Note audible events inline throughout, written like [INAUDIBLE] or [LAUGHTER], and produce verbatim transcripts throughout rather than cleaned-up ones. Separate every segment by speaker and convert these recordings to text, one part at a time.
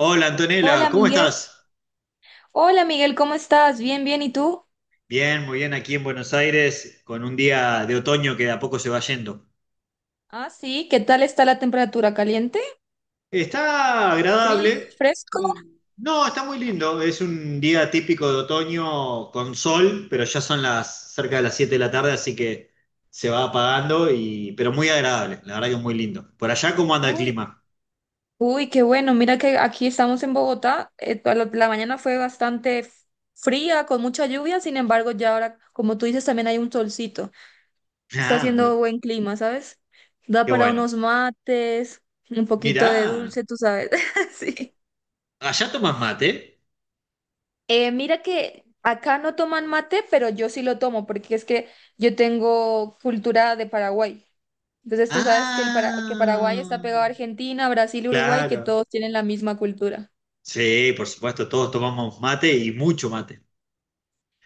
Speaker 1: Hola Antonella,
Speaker 2: Hola
Speaker 1: ¿cómo
Speaker 2: Miguel,
Speaker 1: estás?
Speaker 2: hola Miguel, ¿cómo estás? Bien, bien, ¿y tú?
Speaker 1: Bien, muy bien aquí en Buenos Aires, con un día de otoño que de a poco se va yendo.
Speaker 2: Ah, sí, ¿qué tal está la temperatura? ¿Caliente?
Speaker 1: Está
Speaker 2: ¿Frío?
Speaker 1: agradable.
Speaker 2: ¿Fresco?
Speaker 1: eh, No, está muy lindo. Es un día típico de otoño con sol, pero ya son las cerca de las siete de la tarde, así que se va apagando y pero muy agradable, la verdad que muy lindo. Por allá, ¿cómo anda el
Speaker 2: Uy,
Speaker 1: clima?
Speaker 2: uy, qué bueno, mira que aquí estamos en Bogotá, eh, toda la, la mañana fue bastante f- fría, con mucha lluvia, sin embargo ya ahora, como tú dices, también hay un solcito,
Speaker 1: [LAUGHS]
Speaker 2: está
Speaker 1: Ah, muy-
Speaker 2: haciendo buen clima, ¿sabes? Da
Speaker 1: qué
Speaker 2: para
Speaker 1: bueno.
Speaker 2: unos mates, un poquito
Speaker 1: Mirá,
Speaker 2: de dulce, tú sabes, [LAUGHS] sí.
Speaker 1: allá tomas mate.
Speaker 2: Eh, mira que acá no toman mate, pero yo sí lo tomo porque es que yo tengo cultura de Paraguay. Entonces tú sabes que, el Para- que Paraguay está
Speaker 1: Ah,
Speaker 2: pegado a Argentina, Brasil, Uruguay, que
Speaker 1: claro.
Speaker 2: todos tienen la misma cultura.
Speaker 1: Sí, por supuesto, todos tomamos mate y mucho mate.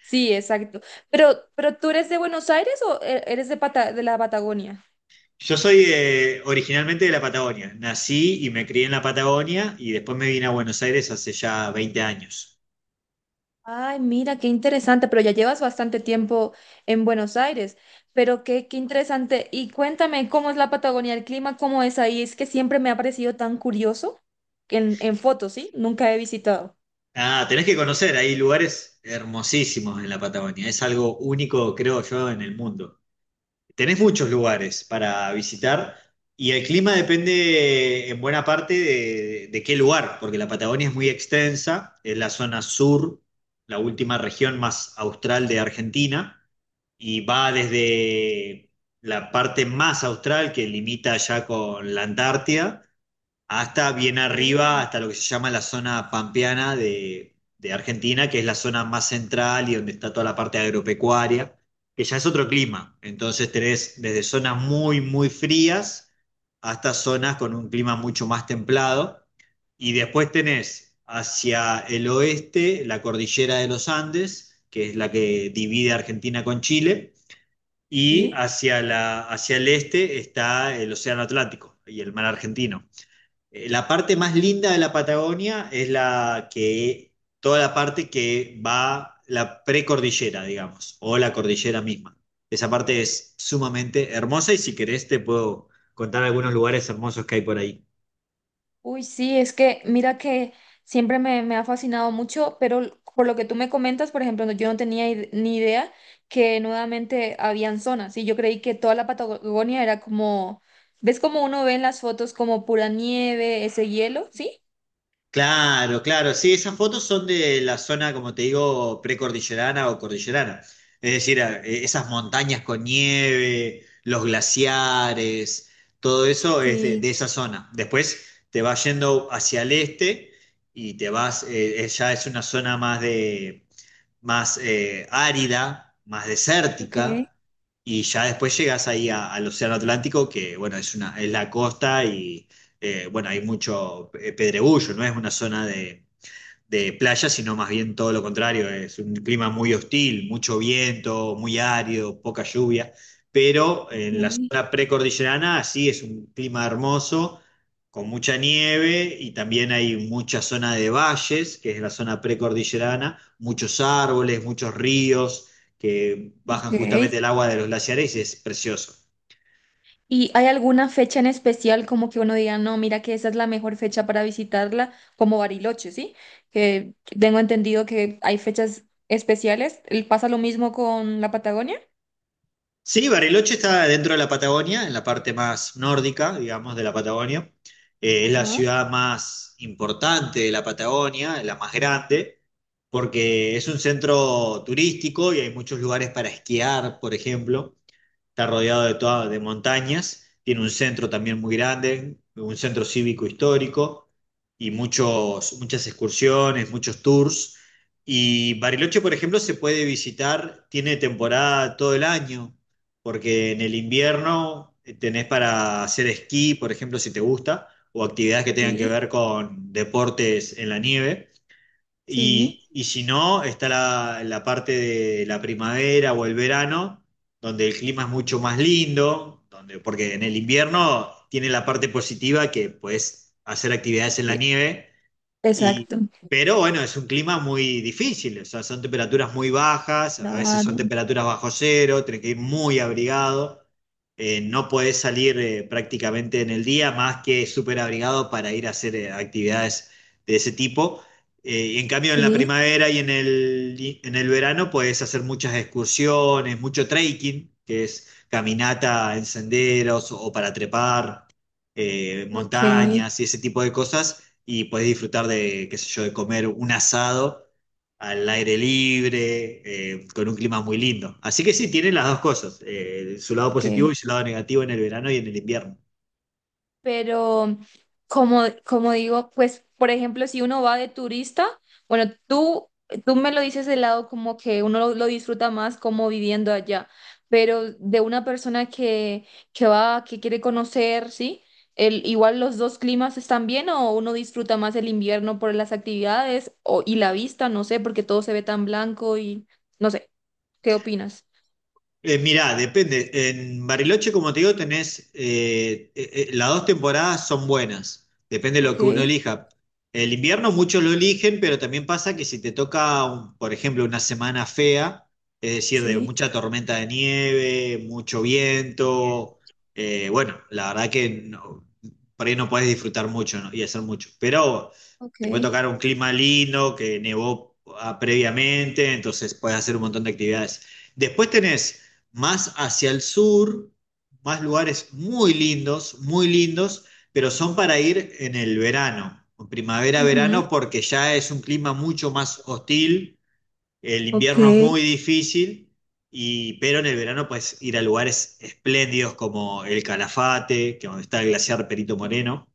Speaker 2: Sí, exacto. Pero, pero ¿tú eres de Buenos Aires o e- eres de, Pata- de la Patagonia?
Speaker 1: Yo soy eh, originalmente de la Patagonia. Nací y me crié en la Patagonia y después me vine a Buenos Aires hace ya veinte años.
Speaker 2: Ay, mira, qué interesante, pero ya llevas bastante tiempo en Buenos Aires, pero qué, qué interesante. Y cuéntame, ¿cómo es la Patagonia, el clima, cómo es ahí? Es que siempre me ha parecido tan curioso en, en fotos, ¿sí? Nunca he visitado.
Speaker 1: Ah, tenés que conocer, hay lugares hermosísimos en la Patagonia. Es algo único, creo yo, en el mundo. Tenés muchos lugares para visitar y el clima depende en buena parte de, de qué lugar, porque la Patagonia es muy extensa, es la zona sur, la última región más austral de Argentina. Y va desde la parte más austral que limita ya con la Antártida hasta bien arriba,
Speaker 2: Oh.
Speaker 1: hasta lo que se llama la zona pampeana de, de Argentina, que es la zona más central y donde está toda la parte agropecuaria, que ya es otro clima. Entonces tenés desde zonas muy, muy frías hasta zonas con un clima mucho más templado. Y después tenés hacia el oeste la cordillera de los Andes, que es la que divide Argentina con Chile y
Speaker 2: Sí.
Speaker 1: hacia, la, hacia el este está el Océano Atlántico y el mar argentino. Eh, La parte más linda de la Patagonia es la que, toda la parte que va la precordillera, digamos, o la cordillera misma. Esa parte es sumamente hermosa y si querés te puedo contar algunos lugares hermosos que hay por ahí.
Speaker 2: Uy, sí, es que mira que siempre me, me ha fascinado mucho, pero l- por lo que tú me comentas, por ejemplo, no- yo no tenía id- ni idea que nuevamente habían zonas y yo creí que toda la Patagonia era como, ¿ves como uno ve en las fotos como pura nieve, ese hielo? ¿Sí?
Speaker 1: Claro, claro, sí, esas fotos son de la zona, como te digo, precordillerana o cordillerana. Es decir, a- eh, esas montañas con nieve, los glaciares, todo eso es de,
Speaker 2: Sí.
Speaker 1: de esa zona. Después te vas yendo hacia el este y te vas, eh, eh, ya es una zona más de, más eh, árida, más
Speaker 2: Ok,
Speaker 1: desértica, y ya después llegas ahí a- al Océano Atlántico, que bueno, es una, es la costa y eh, bueno, hay mucho eh, pedregullo, no es una zona de, de playa, sino más bien todo lo contrario, es un clima muy hostil, mucho viento, muy árido, poca lluvia, pero en la
Speaker 2: ok,
Speaker 1: zona precordillerana sí es un clima hermoso, con mucha nieve y también hay mucha zona de valles, que es la zona precordillerana, muchos árboles, muchos ríos que bajan
Speaker 2: ok,
Speaker 1: justamente
Speaker 2: ok.
Speaker 1: el agua de los glaciares y es precioso.
Speaker 2: ¿Y hay alguna fecha en especial como que uno diga, no, mira que esa es la mejor fecha para visitarla, como Bariloche, ¿sí? Que tengo entendido que hay fechas especiales. ¿El- ¿Pasa lo mismo con la Patagonia?
Speaker 1: Sí, Bariloche está dentro de la Patagonia, en la parte más nórdica, digamos, de la Patagonia. Eh, es la
Speaker 2: Ajá,
Speaker 1: ciudad más importante de la Patagonia, la más grande, porque es un centro turístico y hay muchos lugares para esquiar, por ejemplo está rodeado de todas de montañas, tiene un centro también muy grande, un centro cívico histórico y muchos, muchas excursiones, muchos tours. Y Bariloche, por ejemplo, se puede visitar, tiene temporada todo el año, porque en el invierno eh, tenés para hacer esquí, por ejemplo, si te gusta, o actividades que tengan que
Speaker 2: sí,
Speaker 1: ver con deportes en la nieve. Y,
Speaker 2: sí.
Speaker 1: y si no, está la, la parte de la primavera o el verano, donde el clima es mucho más lindo, donde, porque en el invierno tiene la parte positiva que puedes hacer actividades
Speaker 2: Es
Speaker 1: en la
Speaker 2: que,
Speaker 1: nieve y,
Speaker 2: exacto.
Speaker 1: pero bueno, es un clima muy difícil, o sea, son temperaturas muy bajas, a veces son
Speaker 2: Claro,
Speaker 1: temperaturas bajo cero, tenés que ir muy abrigado, eh, no podés salir eh, prácticamente en el día más que súper abrigado para ir a hacer eh, actividades de ese tipo. Eh, y en cambio en la
Speaker 2: sí,
Speaker 1: primavera y en el, y en el verano podés hacer muchas excursiones, mucho trekking, que es caminata en senderos o para trepar eh,
Speaker 2: ok,
Speaker 1: montañas y ese tipo de cosas y podés disfrutar de, qué sé yo, de comer un asado al aire libre, eh, con un clima muy lindo. Así que sí, tiene las dos cosas, eh, su lado positivo y
Speaker 2: ok.
Speaker 1: su lado negativo en el verano y en el invierno.
Speaker 2: Pero como, como digo, pues, por ejemplo, si uno va de turista, bueno, tú, tú me lo dices de lado como que uno lo, lo disfruta más como viviendo allá, pero de una persona que, que va, que quiere conocer, ¿sí? El, igual los dos climas están bien o uno disfruta más el invierno por las actividades o, y la vista, no sé, porque todo se ve tan blanco y no sé, ¿qué opinas?
Speaker 1: Eh, mirá, depende. En Bariloche, como te digo, tenés, eh, eh, eh, las dos temporadas son buenas. Depende de lo
Speaker 2: Ok,
Speaker 1: que uno elija. El invierno muchos lo eligen, pero también pasa que si te toca, un- por ejemplo, una semana fea, es decir, de
Speaker 2: sí,
Speaker 1: mucha tormenta de nieve, mucho viento, eh, bueno, la verdad que no- por ahí no podés disfrutar mucho, ¿no? Y hacer mucho. Pero
Speaker 2: ok.
Speaker 1: te puede tocar un clima lindo, que nevó ah, previamente, entonces puedes hacer un montón de actividades. Después tenés más hacia el sur, más lugares muy lindos, muy lindos, pero son para ir en el verano, en
Speaker 2: Ujú.
Speaker 1: primavera-verano, porque ya es un clima mucho más hostil, el
Speaker 2: Ok.
Speaker 1: invierno es muy difícil, y, pero en el verano puedes ir a lugares espléndidos como el Calafate, que donde está el glaciar Perito Moreno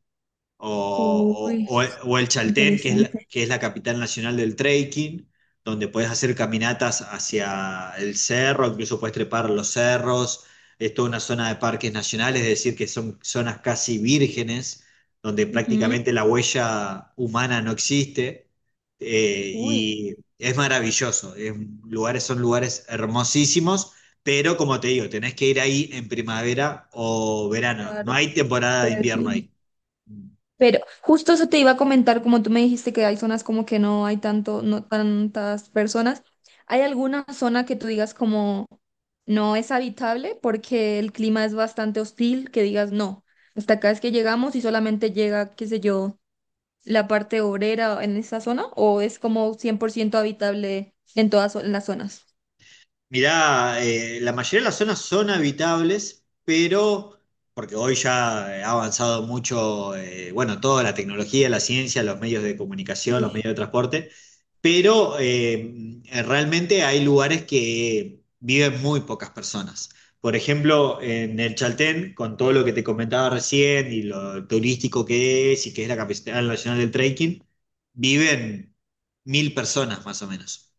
Speaker 1: o,
Speaker 2: Uy,
Speaker 1: o- o o el Chaltén, que es la,
Speaker 2: interesante.
Speaker 1: que es la capital nacional del trekking, donde puedes hacer caminatas hacia el cerro, incluso puedes trepar los cerros, es toda una zona de parques nacionales, es decir, que son zonas casi vírgenes, donde
Speaker 2: Ujú.
Speaker 1: prácticamente la huella humana no existe, eh,
Speaker 2: Uy.
Speaker 1: y es maravilloso, es un- lugares, son lugares hermosísimos. Pero como te digo, tenés que ir ahí en primavera o verano. No
Speaker 2: Claro,
Speaker 1: hay temporada de
Speaker 2: por el
Speaker 1: invierno
Speaker 2: clima.
Speaker 1: ahí.
Speaker 2: Pero justo eso te iba a comentar, como tú me dijiste que hay zonas como que no hay tanto, no tantas personas. ¿Hay alguna zona que tú digas como no es habitable porque el clima es bastante hostil, que digas no, hasta acá es que llegamos y solamente llega, qué sé yo, la parte obrera en esa zona o es como cien por ciento habitable en todas zo- en las zonas?
Speaker 1: Mirá, eh, la mayoría de las zonas son habitables, pero porque hoy ya ha avanzado mucho, eh, bueno, toda la tecnología, la ciencia, los medios de comunicación,
Speaker 2: Sí.
Speaker 1: los medios de transporte, pero eh, realmente hay lugares que viven muy pocas personas. Por ejemplo, en el Chaltén, con todo lo que te comentaba recién y lo turístico que es y que es la capital nacional del trekking, viven mil personas más o menos.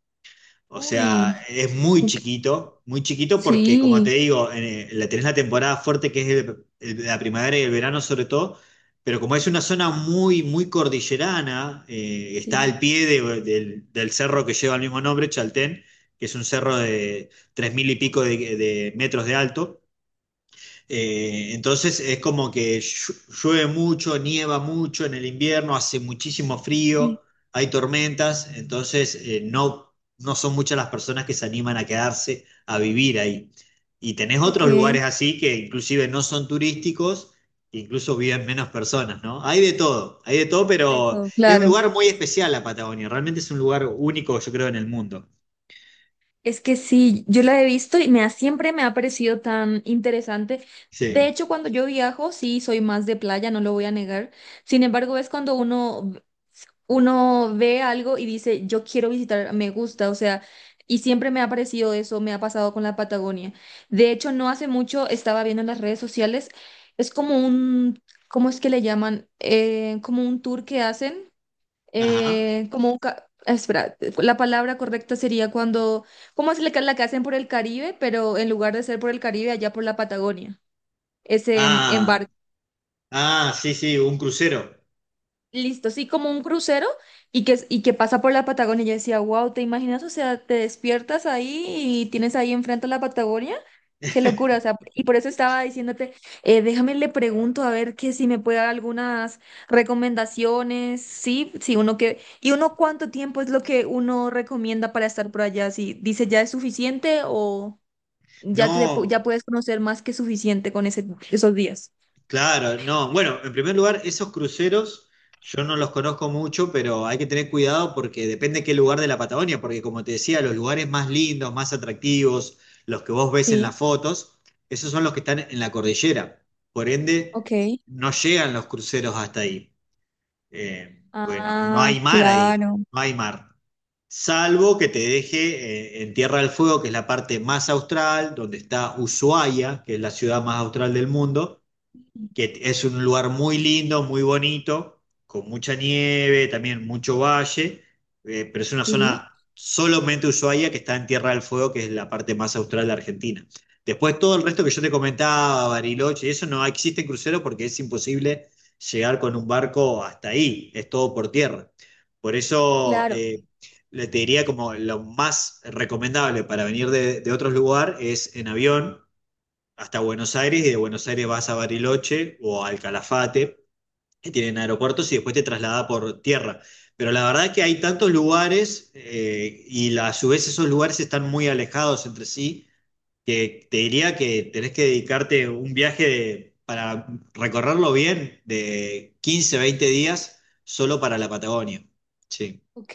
Speaker 1: O sea,
Speaker 2: Uy,
Speaker 1: es muy
Speaker 2: ok.
Speaker 1: chiquito, muy chiquito porque, como te
Speaker 2: Sí.
Speaker 1: digo, en- en la- tenés la temporada fuerte que es el- el- la primavera y el verano sobre todo, pero como es una zona muy, muy cordillerana, eh, está
Speaker 2: Sí,
Speaker 1: al pie de- del, del cerro que lleva el mismo nombre, Chaltén, que es un cerro de tres mil y pico de de metros de alto. Eh, entonces es como que llu- llueve mucho, nieva mucho en el invierno, hace muchísimo
Speaker 2: sí,
Speaker 1: frío, hay tormentas, entonces eh, no, no son muchas las personas que se animan a quedarse a vivir ahí. Y tenés
Speaker 2: ok,
Speaker 1: otros lugares así que inclusive no son turísticos, incluso viven menos personas, ¿no? Hay de todo, hay de todo,
Speaker 2: de
Speaker 1: pero
Speaker 2: todo,
Speaker 1: es un
Speaker 2: claro.
Speaker 1: lugar muy especial la Patagonia, realmente es un lugar único, yo creo, en el mundo.
Speaker 2: Es que sí, yo la he visto y me ha, siempre me ha parecido tan interesante. De
Speaker 1: Sí.
Speaker 2: hecho, cuando yo viajo, sí, soy más de playa, no lo voy a negar. Sin embargo, es cuando uno, uno ve algo y dice, yo quiero visitar, me gusta, o sea, y siempre me ha parecido eso, me ha pasado con la Patagonia. De hecho, no hace mucho estaba viendo en las redes sociales, es como un, ¿cómo es que le llaman? Eh, como un tour que hacen.
Speaker 1: Ajá.
Speaker 2: eh, como un... ca- Espera, la palabra correcta sería cuando. ¿Cómo es la que la que hacen por el Caribe? Pero en lugar de ser por el Caribe, allá por la Patagonia. Ese mm, embarque.
Speaker 1: Ah, ah, sí, sí, un crucero.
Speaker 2: Listo, sí, como un crucero y que, y que pasa por la Patagonia. Yo decía, wow, ¿te imaginas? O sea, te despiertas ahí y tienes ahí enfrente a la Patagonia. Qué locura,
Speaker 1: [LAUGHS]
Speaker 2: o sea, y por eso estaba diciéndote, eh, déjame le pregunto a ver que si me puede dar algunas recomendaciones, sí, sí, uno que, y uno cuánto tiempo es lo que uno recomienda para estar por allá, si dice ya es suficiente o ya te pu- ya
Speaker 1: No,
Speaker 2: puedes conocer más que suficiente con ese, esos días.
Speaker 1: claro, no. Bueno, en primer lugar, esos cruceros yo no los conozco mucho, pero hay que tener cuidado porque depende qué lugar de la Patagonia, porque como te decía, los lugares más lindos, más atractivos, los que vos ves en
Speaker 2: Sí,
Speaker 1: las fotos, esos son los que están en la cordillera. Por ende,
Speaker 2: ok.
Speaker 1: no llegan los cruceros hasta ahí. Eh, bueno, no
Speaker 2: Ah,
Speaker 1: hay mar ahí,
Speaker 2: claro.
Speaker 1: no hay mar. Salvo que te deje eh, en Tierra del Fuego, que es la parte más austral, donde está Ushuaia, que es la ciudad más austral del mundo, que es un lugar muy lindo, muy bonito, con mucha nieve, también mucho valle, eh, pero es una
Speaker 2: Sí,
Speaker 1: zona solamente Ushuaia que está en Tierra del Fuego, que es la parte más austral de Argentina. Después todo el resto que yo te comentaba, Bariloche, y eso no existe crucero porque es imposible llegar con un barco hasta ahí, es todo por tierra. Por eso
Speaker 2: claro,
Speaker 1: eh, le te diría como lo más recomendable para venir de, de otros lugares es en avión hasta Buenos Aires y de Buenos Aires vas a Bariloche o al Calafate, que tienen aeropuertos, y después te traslada por tierra. Pero la verdad que hay tantos lugares eh, y la- a su vez esos lugares están muy alejados entre sí, que te diría que tenés que dedicarte un viaje de- para recorrerlo bien de quince veinte días solo para la Patagonia. Sí.
Speaker 2: ok.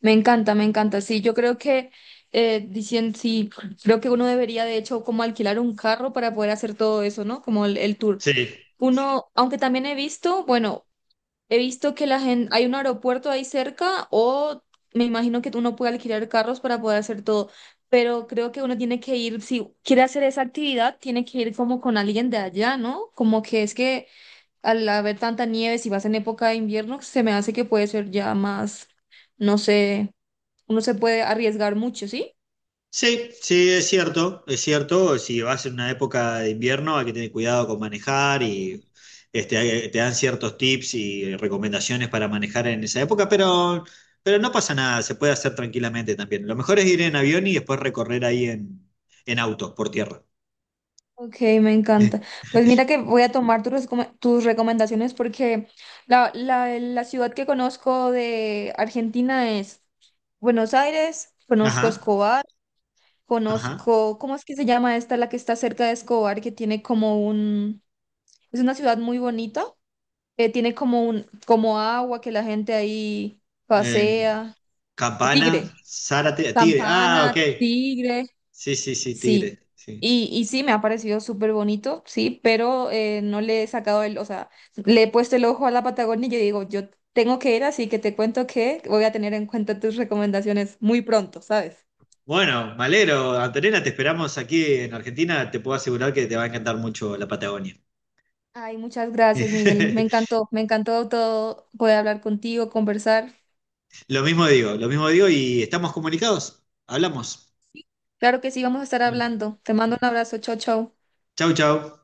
Speaker 2: Me encanta, me encanta. Sí, yo creo que eh, dicien- sí, creo que uno debería de hecho como alquilar un carro para poder hacer todo eso, ¿no? Como el, el tour.
Speaker 1: Sí.
Speaker 2: Uno, aunque también he visto, bueno, he visto que la gente, hay un aeropuerto ahí cerca o me imagino que uno puede alquilar carros para poder hacer todo, pero creo que uno tiene que ir, si quiere hacer esa actividad, tiene que ir como con alguien de allá, ¿no? Como que es que al haber tanta nieve, si vas en época de invierno, se me hace que puede ser ya más, no sé, uno se puede arriesgar mucho, ¿sí?
Speaker 1: Sí, sí, es cierto, es cierto. Si vas en una época de invierno hay que tener cuidado con manejar y este, hay- te dan ciertos tips y recomendaciones para manejar en esa época, pero, pero no pasa nada, se puede hacer tranquilamente también. Lo mejor es ir en avión y después recorrer ahí en, en auto, por tierra. [LAUGHS]
Speaker 2: Ok, me
Speaker 1: Eh,
Speaker 2: encanta. Pues mira que voy a tomar tus, recome- tus recomendaciones porque la, la, la ciudad que conozco de Argentina es Buenos Aires, conozco
Speaker 1: Ajá,
Speaker 2: Escobar,
Speaker 1: ajá.
Speaker 2: conozco, ¿cómo es que se llama esta, la que está cerca de Escobar, que tiene como un, es una ciudad muy bonita? Eh, tiene como un, como agua que la gente ahí
Speaker 1: En
Speaker 2: pasea. Tigre,
Speaker 1: Campana, Zárate, Tigre. Ah,
Speaker 2: Campana,
Speaker 1: ok.
Speaker 2: Tigre,
Speaker 1: Sí, sí, sí,
Speaker 2: sí.
Speaker 1: Tigre. Sí.
Speaker 2: Y, y sí, me ha parecido súper bonito, sí, pero eh, no le he sacado el, o sea, le he puesto el ojo a la Patagonia y yo digo, yo tengo que ir, así que te cuento que voy a tener en cuenta tus recomendaciones muy pronto, ¿sabes?
Speaker 1: Bueno, me alegro, Antonella, te esperamos aquí en Argentina. Te puedo asegurar que te va a encantar mucho la Patagonia.
Speaker 2: Ay, muchas gracias, Miguel. Me
Speaker 1: [LAUGHS]
Speaker 2: encantó, me encantó todo poder hablar contigo, conversar.
Speaker 1: Lo mismo digo, lo mismo digo y estamos comunicados. Hablamos.
Speaker 2: Claro que sí, vamos a estar hablando. Te mando un abrazo, chao, chao.
Speaker 1: Chau, chau.